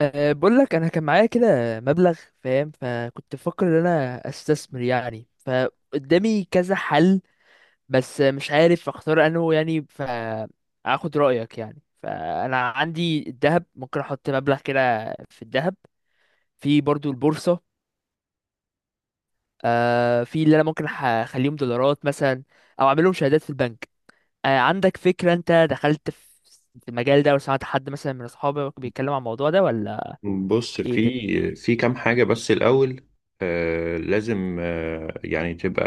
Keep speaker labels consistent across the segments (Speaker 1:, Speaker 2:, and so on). Speaker 1: بقول لك انا كان معايا كده مبلغ، فاهم؟ فكنت بفكر ان انا استثمر يعني، فقدامي كذا حل بس مش عارف اختار انه يعني، فاخد رايك يعني. فانا عندي الذهب، ممكن احط مبلغ كده في الذهب، في برضو البورصه. في اللي انا ممكن اخليهم دولارات مثلا، او اعملهم شهادات في البنك. عندك فكره؟ انت دخلت في المجال ده، وسمعت حد مثلا من اصحابك بيتكلم عن الموضوع ده ولا؟
Speaker 2: بص،
Speaker 1: ايه ده؟
Speaker 2: في كام حاجة بس الأول. لازم يعني تبقى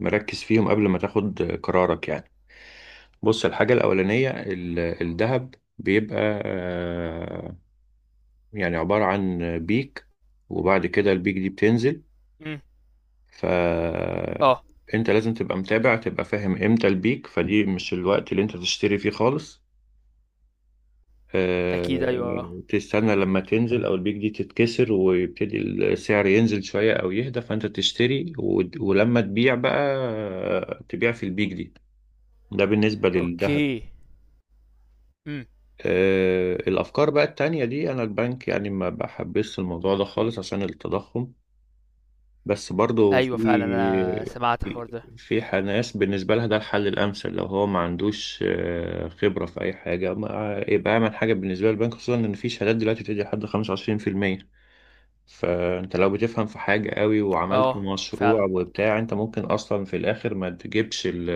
Speaker 2: مركز فيهم قبل ما تاخد قرارك يعني. بص، الحاجة الأولانية الذهب بيبقى آه يعني عبارة عن بيك، وبعد كده البيك دي بتنزل،
Speaker 1: مم. اه.
Speaker 2: فأنت لازم تبقى متابع، تبقى فاهم إمتى البيك، فدي مش الوقت اللي أنت تشتري فيه خالص.
Speaker 1: اكيد ايوه.
Speaker 2: تستنى لما تنزل او البيك دي تتكسر ويبتدي السعر ينزل شوية او يهدى، فانت تشتري، ولما تبيع بقى تبيع في البيك دي. ده بالنسبة للذهب.
Speaker 1: اوكي. امم
Speaker 2: الافكار بقى التانية دي، انا البنك يعني ما بحبش الموضوع ده خالص عشان التضخم. بس برضو
Speaker 1: ايوه فعلا، انا سمعت الحوار ده.
Speaker 2: ناس بالنسبة لها ده الحل الأمثل، لو هو ما عندوش خبرة في أي حاجة، ما يبقى أعمل حاجة بالنسبة للبنك، خصوصا إن في شهادات دلوقتي بتدي لحد 25%. فانت لو بتفهم في حاجة قوي وعملت
Speaker 1: اه
Speaker 2: مشروع
Speaker 1: فعلا.
Speaker 2: وبتاع، انت ممكن اصلا في الاخر ما تجيبش ال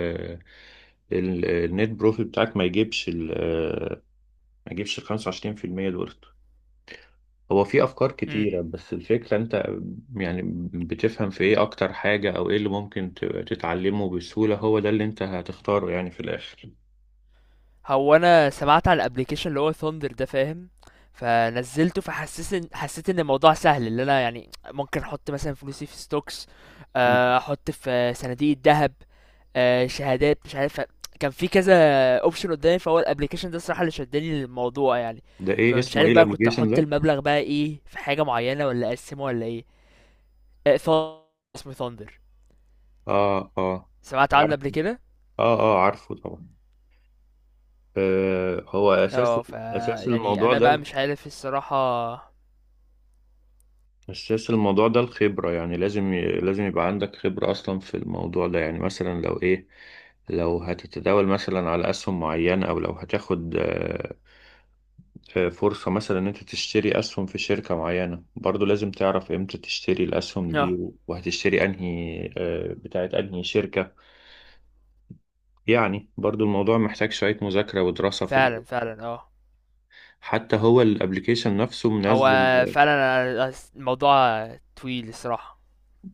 Speaker 2: ال- النت بروفيت بتاعك، ما يجيبش ال 25% دول. هو في افكار
Speaker 1: امم
Speaker 2: كتيرة بس الفكرة انت يعني بتفهم في ايه اكتر حاجة، او ايه اللي ممكن تتعلمه بسهولة، هو ده اللي انت هتختاره يعني في الاخر.
Speaker 1: هو انا سمعت على الابليكيشن اللي هو ثاندر ده، فاهم؟ فنزلته فحسيت ان حسيت ان الموضوع سهل، اللي انا يعني ممكن احط مثلا فلوسي في ستوكس،
Speaker 2: مم.
Speaker 1: احط في صناديق الذهب، شهادات، مش عارف. كان في كذا اوبشن قدامي، فهو الابليكيشن ده الصراحه اللي شدني للموضوع يعني.
Speaker 2: ده ايه
Speaker 1: فمش
Speaker 2: اسمه، ايه
Speaker 1: عارف بقى، كنت
Speaker 2: الابليكيشن
Speaker 1: احط
Speaker 2: ده؟
Speaker 1: المبلغ بقى ايه؟ في حاجه معينه ولا اقسمه ولا ايه؟ آه، ث- اسمه ثاندر.
Speaker 2: اه اه،
Speaker 1: سمعت عنه
Speaker 2: عارف.
Speaker 1: قبل كده؟
Speaker 2: اه اه، عارفه طبعا. هو
Speaker 1: اه. ف
Speaker 2: اساس
Speaker 1: يعني
Speaker 2: الموضوع
Speaker 1: انا
Speaker 2: ده
Speaker 1: بقى مش عارف الصراحة.
Speaker 2: اساس الموضوع ده الخبره، يعني لازم لازم يبقى عندك خبره اصلا في الموضوع ده. يعني مثلا، لو هتتداول مثلا على اسهم معينه، او لو هتاخد فرصه مثلا ان انت تشتري اسهم في شركه معينه، برضو لازم تعرف امتى تشتري الاسهم دي،
Speaker 1: اه
Speaker 2: وهتشتري انهي بتاعت انهي شركه. يعني برضو الموضوع محتاج شويه مذاكره ودراسه في الاول،
Speaker 1: فعلا فعلا، اه.
Speaker 2: حتى هو الابليكيشن نفسه
Speaker 1: هو
Speaker 2: منزل.
Speaker 1: فعلا الموضوع طويل الصراحة،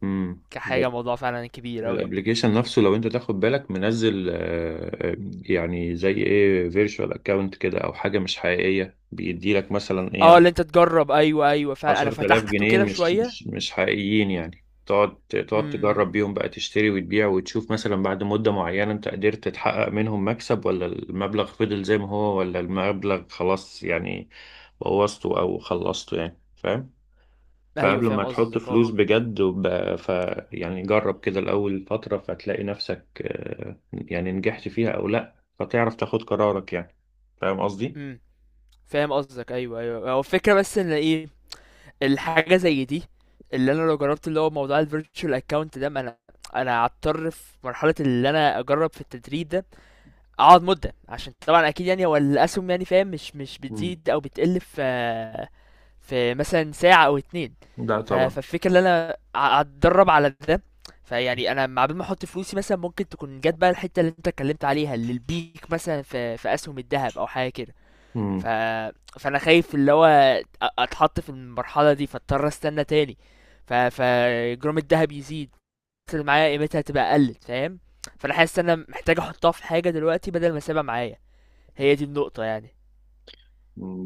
Speaker 2: مم.
Speaker 1: كحاجة، موضوع فعلا كبير اوي.
Speaker 2: الابليكيشن نفسه لو انت تاخد بالك منزل يعني زي ايه، فيرتشوال اكاونت كده، او حاجه مش حقيقيه بيدي لك مثلا ايه،
Speaker 1: اه اللي انت تجرب، ايوه ايوه فعلا، انا
Speaker 2: 10000
Speaker 1: فتحته
Speaker 2: جنيه
Speaker 1: كده
Speaker 2: مش
Speaker 1: شوية.
Speaker 2: مش مش حقيقيين، يعني تقعد
Speaker 1: امم
Speaker 2: تجرب بيهم بقى، تشتري وتبيع، وتشوف مثلا بعد مده معينه انت قدرت تحقق منهم مكسب، ولا المبلغ فضل زي ما هو، ولا المبلغ خلاص يعني بوظته او خلصته، يعني فاهم.
Speaker 1: ايوه
Speaker 2: فقبل ما
Speaker 1: فاهم
Speaker 2: تحط
Speaker 1: قصدك، اه.
Speaker 2: فلوس بجد ف يعني جرب كده الأول فترة، فتلاقي نفسك يعني نجحت فيها أو لأ، فتعرف تاخد قرارك يعني. فاهم قصدي؟
Speaker 1: امم فاهم قصدك، ايوه ايوه. هو الفكرة بس ان ايه، الحاجة زي دي، اللي انا لو جربت اللي هو موضوع الفيرتشوال اكونت ده، ما انا هضطر في مرحلة اللي انا اجرب في التدريب ده اقعد مدة، عشان طبعا اكيد يعني هو الاسهم يعني فاهم مش
Speaker 2: مم.
Speaker 1: بتزيد او بتقل في مثلا ساعة او اتنين.
Speaker 2: لا طبعا.
Speaker 1: فالفكرة ان انا اتدرب على ده، فيعني انا مع بال ما احط فلوسي مثلا ممكن تكون جت بقى الحتة اللي انت اتكلمت عليها، اللي البيك مثلا في اسهم الذهب او حاجة كده. ف
Speaker 2: مم.
Speaker 1: فانا خايف اللي هو اتحط في المرحلة دي فاضطر استنى تاني، ف فجرام الذهب يزيد اللي معايا قيمتها تبقى قلت، فاهم؟ فانا حاسس ان انا محتاج احطها في حاجه دلوقتي بدل ما اسيبها معايا، هي دي النقطه يعني.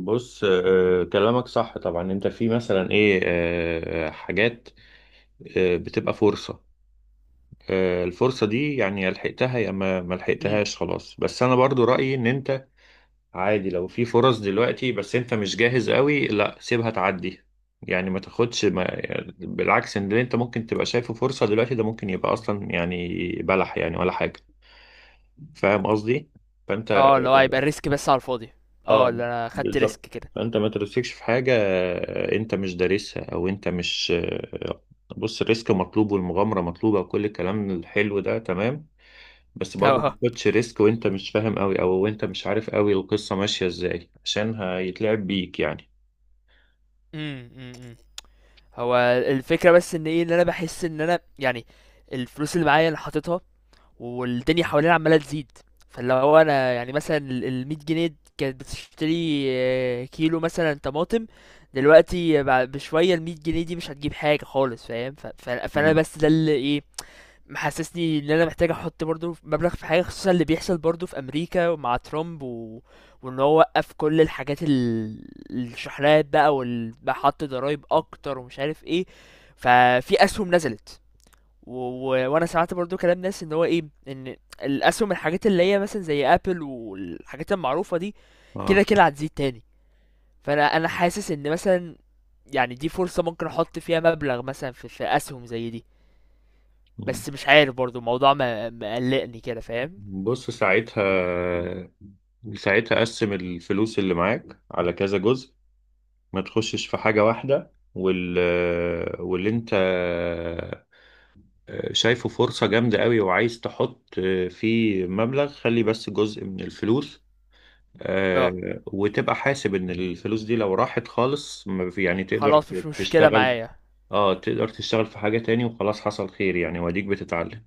Speaker 2: بص، كلامك صح طبعا. انت في مثلا ايه حاجات بتبقى فرصة، الفرصة دي يعني يا لحقتها يا ما
Speaker 1: امم
Speaker 2: لحقتهاش خلاص. بس انا برضو رأيي ان انت عادي لو في فرص دلوقتي بس انت مش جاهز قوي، لا سيبها تعدي، يعني ما تاخدش. ما يعني بالعكس، ان اللي انت ممكن تبقى شايفه فرصة دلوقتي ده ممكن يبقى اصلا يعني بلح يعني ولا حاجة. فاهم قصدي؟ فانت
Speaker 1: اه اللي هو هيبقى الريسك بس على الفاضي، اه
Speaker 2: اه،
Speaker 1: اللي انا خدت ريسك
Speaker 2: بالظبط.
Speaker 1: كده.
Speaker 2: فانت ما ترسكش في حاجة انت مش دارسها او انت مش بص، الريسك مطلوب والمغامرة مطلوبة وكل الكلام الحلو ده تمام، بس برضه ما
Speaker 1: اه.
Speaker 2: تاخدش ريسك وانت مش فاهم قوي، او وانت مش عارف قوي القصة ماشية ازاي، عشان هيتلعب بيك يعني.
Speaker 1: أمم، أمم. هو الفكره بس ان ايه، ان انا بحس ان انا يعني الفلوس اللي معايا انا حاططها والدنيا حوالينا عمالة تزيد. فاللي هو انا يعني مثلا ال 100 جنيه كانت بتشتري كيلو مثلا طماطم، دلوقتي بعد بشوية ال 100 جنيه دي مش هتجيب حاجة خالص، فاهم؟ فانا
Speaker 2: مم.
Speaker 1: بس ده اللي ايه محسسني ان انا محتاج احط برضو مبلغ في حاجة، خصوصا اللي بيحصل برضو في امريكا مع ترامب و... وان هو وقف كل الحاجات ال... الشحنات بقى وحط ضرايب اكتر ومش عارف ايه. ففي اسهم نزلت، و... و... وانا سمعت برضو كلام ناس ان هو ايه، ان الاسهم، الحاجات اللي هي مثلا زي ابل والحاجات المعروفه دي
Speaker 2: اه.
Speaker 1: كده كده هتزيد تاني. فانا انا حاسس ان مثلا يعني دي فرصه ممكن احط فيها مبلغ مثلا في, في اسهم زي دي.
Speaker 2: مم.
Speaker 1: بس مش عارف برضو الموضوع مقلقني كده، فاهم؟
Speaker 2: بص ساعتها، قسم الفلوس اللي معاك على كذا جزء، ما تخشش في حاجة واحدة. واللي انت شايفه فرصة جامدة قوي وعايز تحط فيه مبلغ، خلي بس جزء من الفلوس،
Speaker 1: اه
Speaker 2: وتبقى حاسب ان الفلوس دي لو راحت خالص ما في- يعني
Speaker 1: خلاص مش مشكله
Speaker 2: تشتغل
Speaker 1: معايا.
Speaker 2: اه تقدر تشتغل في حاجة تاني وخلاص حصل خير، يعني واديك بتتعلم.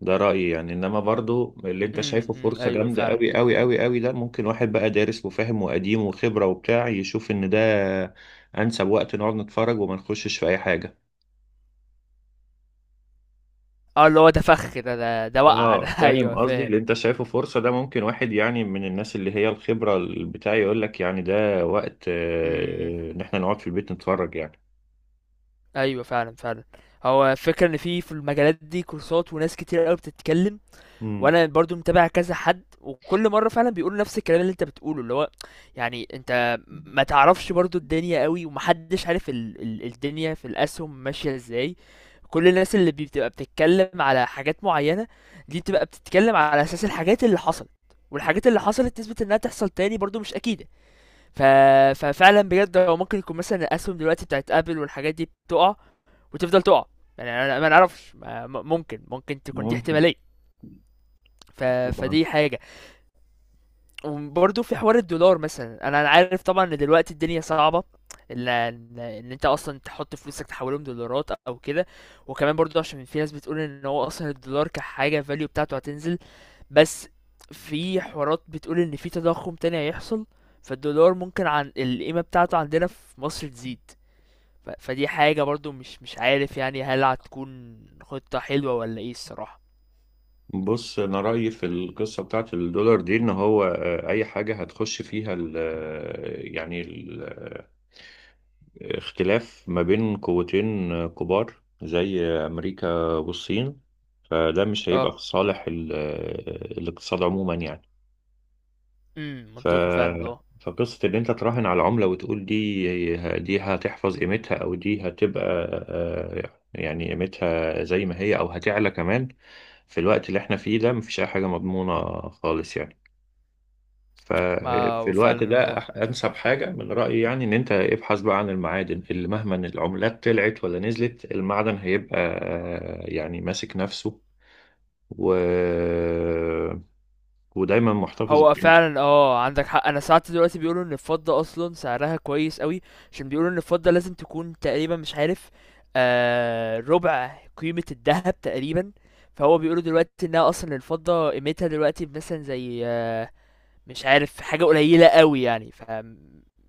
Speaker 2: ده رأيي يعني، انما برضو اللي انت شايفه
Speaker 1: أمم،
Speaker 2: فرصة
Speaker 1: ايوه
Speaker 2: جامدة
Speaker 1: فعلا
Speaker 2: قوي قوي قوي قوي ده ممكن واحد بقى دارس وفاهم وقديم وخبرة وبتاع يشوف ان ده انسب وقت نقعد نتفرج وما نخشش في اي حاجة.
Speaker 1: اه، اللي هو ده فخ، ده ده وقع
Speaker 2: اه
Speaker 1: ده.
Speaker 2: فاهم
Speaker 1: ايوه
Speaker 2: قصدي،
Speaker 1: فاهم.
Speaker 2: اللي انت شايفه فرصة ده ممكن واحد يعني من الناس اللي هي الخبرة بتاعي يقول لك يعني ده وقت
Speaker 1: امم
Speaker 2: ان احنا نقعد في البيت نتفرج يعني.
Speaker 1: ايوه فعلا فعلا. هو الفكره ان في المجالات دي كورسات وناس كتير قوي بتتكلم،
Speaker 2: مم.
Speaker 1: وانا برضو متابع كذا حد، وكل مره فعلا بيقولوا نفس الكلام اللي انت بتقوله، اللي هو يعني انت ما تعرفش برضو الدنيا قوي، ومحدش عارف ال الدنيا في الاسهم ماشيه ازاي. كل الناس اللي بتبقى بتتكلم على حاجات معينه دي، بتبقى بتتكلم على اساس الحاجات اللي حصلت، والحاجات اللي حصلت تثبت انها تحصل تاني برضو مش اكيده. ف... ففعلا بجد هو ممكن يكون مثلا الاسهم دلوقتي بتاعت ابل والحاجات دي بتقع وتفضل تقع، يعني انا ما نعرفش، ممكن ممكن تكون دي
Speaker 2: ممكن.
Speaker 1: احتماليه. ف...
Speaker 2: طبعا.
Speaker 1: فدي حاجه. وبرضه في حوار الدولار مثلا، انا عارف طبعا ان دلوقتي الدنيا صعبه، ان إن انت اصلا تحط فلوسك تحولهم دولارات او كده، وكمان برضه عشان في ناس بتقول ان هو اصلا الدولار كحاجه فاليو بتاعته هتنزل، بس في حوارات بتقول ان في تضخم تاني هيحصل، فالدولار ممكن عن القيمه بتاعته عندنا في مصر تزيد. ف... فدي حاجه برضه مش عارف يعني هل هتكون خطه حلوه ولا ايه الصراحه.
Speaker 2: بص، انا رايي في القصه بتاعت الدولار دي ان هو اي حاجه هتخش فيها ال آه، يعني الاختلاف ما بين قوتين كبار زي امريكا والصين، فده مش هيبقى
Speaker 1: اه
Speaker 2: في صالح الاقتصاد عموما يعني. ف...
Speaker 1: منطقي فعلا، اه.
Speaker 2: فقصة إن أنت تراهن على عملة وتقول دي هتحفظ قيمتها، أو دي هتبقى يعني قيمتها زي ما هي أو هتعلى كمان، في الوقت اللي إحنا فيه ده مفيش أي حاجة مضمونة خالص يعني.
Speaker 1: ما
Speaker 2: ففي
Speaker 1: هو
Speaker 2: الوقت
Speaker 1: فعلا
Speaker 2: ده
Speaker 1: آه.
Speaker 2: أنسب حاجة من رأيي يعني إن أنت ابحث بقى عن المعادن، اللي مهما إن العملات طلعت ولا نزلت المعدن هيبقى يعني ماسك نفسه و... ودايما محتفظ
Speaker 1: هو
Speaker 2: بقيمته.
Speaker 1: فعلًا عندك حق. أنا ساعات دلوقتي بيقولوا إن الفضة أصلًا سعرها كويس أوي، عشان بيقولوا إن الفضة لازم تكون تقريبًا مش عارف ربع قيمة الدهب تقريبًا، فهو بيقولوا دلوقتي إنها أصلًا الفضة قيمتها دلوقتي مثلًا زي آه مش عارف حاجة قليلة أوي يعني،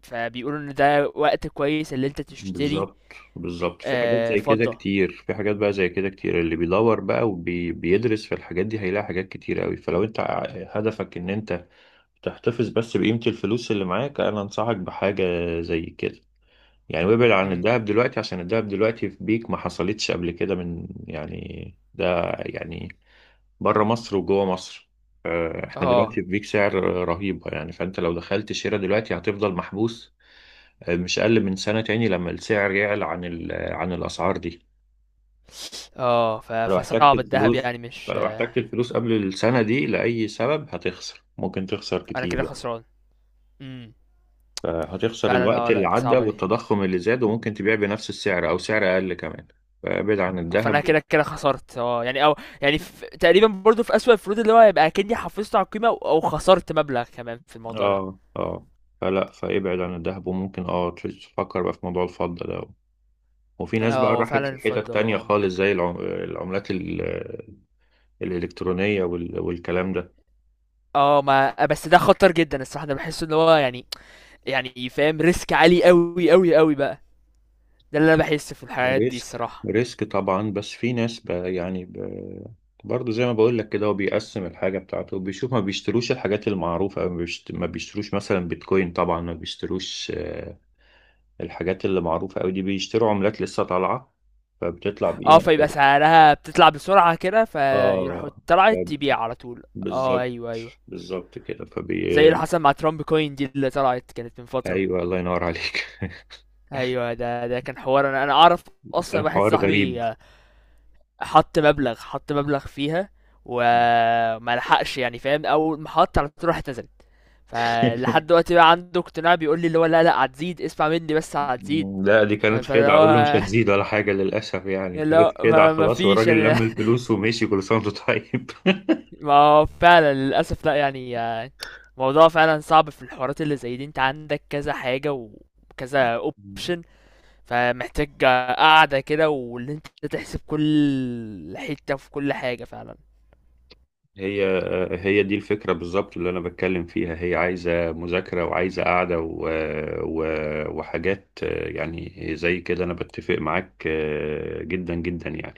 Speaker 1: فبيقولوا إن ده وقت كويس اللي أنت تشتري.
Speaker 2: بالظبط بالظبط، في حاجات زي كده
Speaker 1: فضة.
Speaker 2: كتير، في حاجات بقى زي كده كتير، اللي بيدور بقى وبيدرس في الحاجات دي هيلاقي حاجات كتير قوي. فلو انت هدفك ان انت تحتفظ بس بقيمة الفلوس اللي معاك، انا انصحك بحاجة زي كده يعني. وابعد عن
Speaker 1: إمم،
Speaker 2: الذهب دلوقتي عشان الذهب دلوقتي في بيك ما حصلتش قبل كده من يعني ده يعني بره مصر وجوه مصر. احنا دلوقتي
Speaker 1: آه،
Speaker 2: في بيك سعر رهيبة يعني، فانت لو دخلت شراء دلوقتي هتفضل محبوس مش أقل من سنة تاني لما السعر يعلى عن عن الأسعار دي.
Speaker 1: آه، ف
Speaker 2: فلو احتجت
Speaker 1: فصعب الدهب
Speaker 2: الفلوس،
Speaker 1: يعني مش
Speaker 2: فلو
Speaker 1: آه.
Speaker 2: احتجت الفلوس قبل السنة دي لأي سبب، هتخسر، ممكن تخسر
Speaker 1: أنا
Speaker 2: كتير
Speaker 1: كده
Speaker 2: يعني.
Speaker 1: خسران. إمم،
Speaker 2: فهتخسر
Speaker 1: فعلًا
Speaker 2: الوقت اللي
Speaker 1: لأ،
Speaker 2: عدى
Speaker 1: صعبة دي.
Speaker 2: والتضخم اللي زاد، وممكن تبيع بنفس السعر أو سعر أقل كمان. فابعد عن
Speaker 1: فانا
Speaker 2: الذهب.
Speaker 1: كده كده خسرت اه، يعني او يعني في تقريبا برضو في اسوأ الفروض اللي هو هيبقى اكني حافظت على القيمه او أو خسرت مبلغ كمان في الموضوع ده.
Speaker 2: اه اه. فابعد عن الذهب، وممكن تفكر بقى في موضوع الفضة ده. وفي ناس
Speaker 1: اه
Speaker 2: بقى
Speaker 1: هو فعلا
Speaker 2: راحت لحتت
Speaker 1: الفضل
Speaker 2: تانية
Speaker 1: اه ممكن.
Speaker 2: خالص زي العملات الإلكترونية والكلام ده.
Speaker 1: اه، ما بس ده خطر جدا الصراحه، انا بحس ان هو يعني يعني فاهم ريسك عالي قوي قوي قوي بقى، ده اللي انا بحس في الحاجات دي
Speaker 2: ريسك
Speaker 1: الصراحه.
Speaker 2: ريسك طبعا، بس في ناس يعني برضه زي ما بقول لك كده، هو بيقسم الحاجة بتاعته وبيشوف، ما بيشتروش الحاجات المعروفة، أو ما بيشتروش مثلا بيتكوين طبعا، ما بيشتروش الحاجات اللي معروفة أوي دي، بيشتروا عملات لسه طالعة فبتطلع
Speaker 1: اه
Speaker 2: بقيمة
Speaker 1: فيبقى
Speaker 2: قليلة.
Speaker 1: سعرها بتطلع بسرعه كده فيروحوا
Speaker 2: اه ف-
Speaker 1: طلعت تبيع على طول. اه
Speaker 2: بالظبط،
Speaker 1: ايوه ايوه.
Speaker 2: بالظبط كده
Speaker 1: زي اللي حصل مع ترامب كوين دي اللي طلعت كانت من فتره.
Speaker 2: أيوه الله ينور عليك.
Speaker 1: ايوه ده كان حوار، انا اعرف اصلا،
Speaker 2: كان
Speaker 1: واحد
Speaker 2: حوار
Speaker 1: صاحبي
Speaker 2: غريب.
Speaker 1: حط مبلغ فيها وما لحقش، يعني فاهم اول ما حط على طول راحت نزلت، فلحد دلوقتي بقى عنده اقتناع بيقول لي اللي هو لا هتزيد، اسمع مني بس هتزيد.
Speaker 2: لا، دي كانت
Speaker 1: فاللي
Speaker 2: خدعة، أقول له مش
Speaker 1: هو
Speaker 2: هتزيد ولا حاجة للأسف، يعني
Speaker 1: اللي
Speaker 2: كانت
Speaker 1: هو
Speaker 2: خدعة
Speaker 1: ما
Speaker 2: خلاص،
Speaker 1: فيش
Speaker 2: والراجل
Speaker 1: يعني.
Speaker 2: لم الفلوس ومشي، كل سنة وأنت طيب.
Speaker 1: ما هو فعلا للاسف لا يعني، موضوع فعلا صعب. في الحوارات اللي زي دي انت عندك كذا حاجة وكذا اوبشن، فمحتاج قاعدة كده واللي انت تحسب كل حتة في كل حاجة فعلا.
Speaker 2: هي هي دي الفكرة بالظبط اللي أنا بتكلم فيها، هي عايزة مذاكرة وعايزة قعدة و... وحاجات يعني زي كده. أنا بتفق معاك جدا جدا يعني.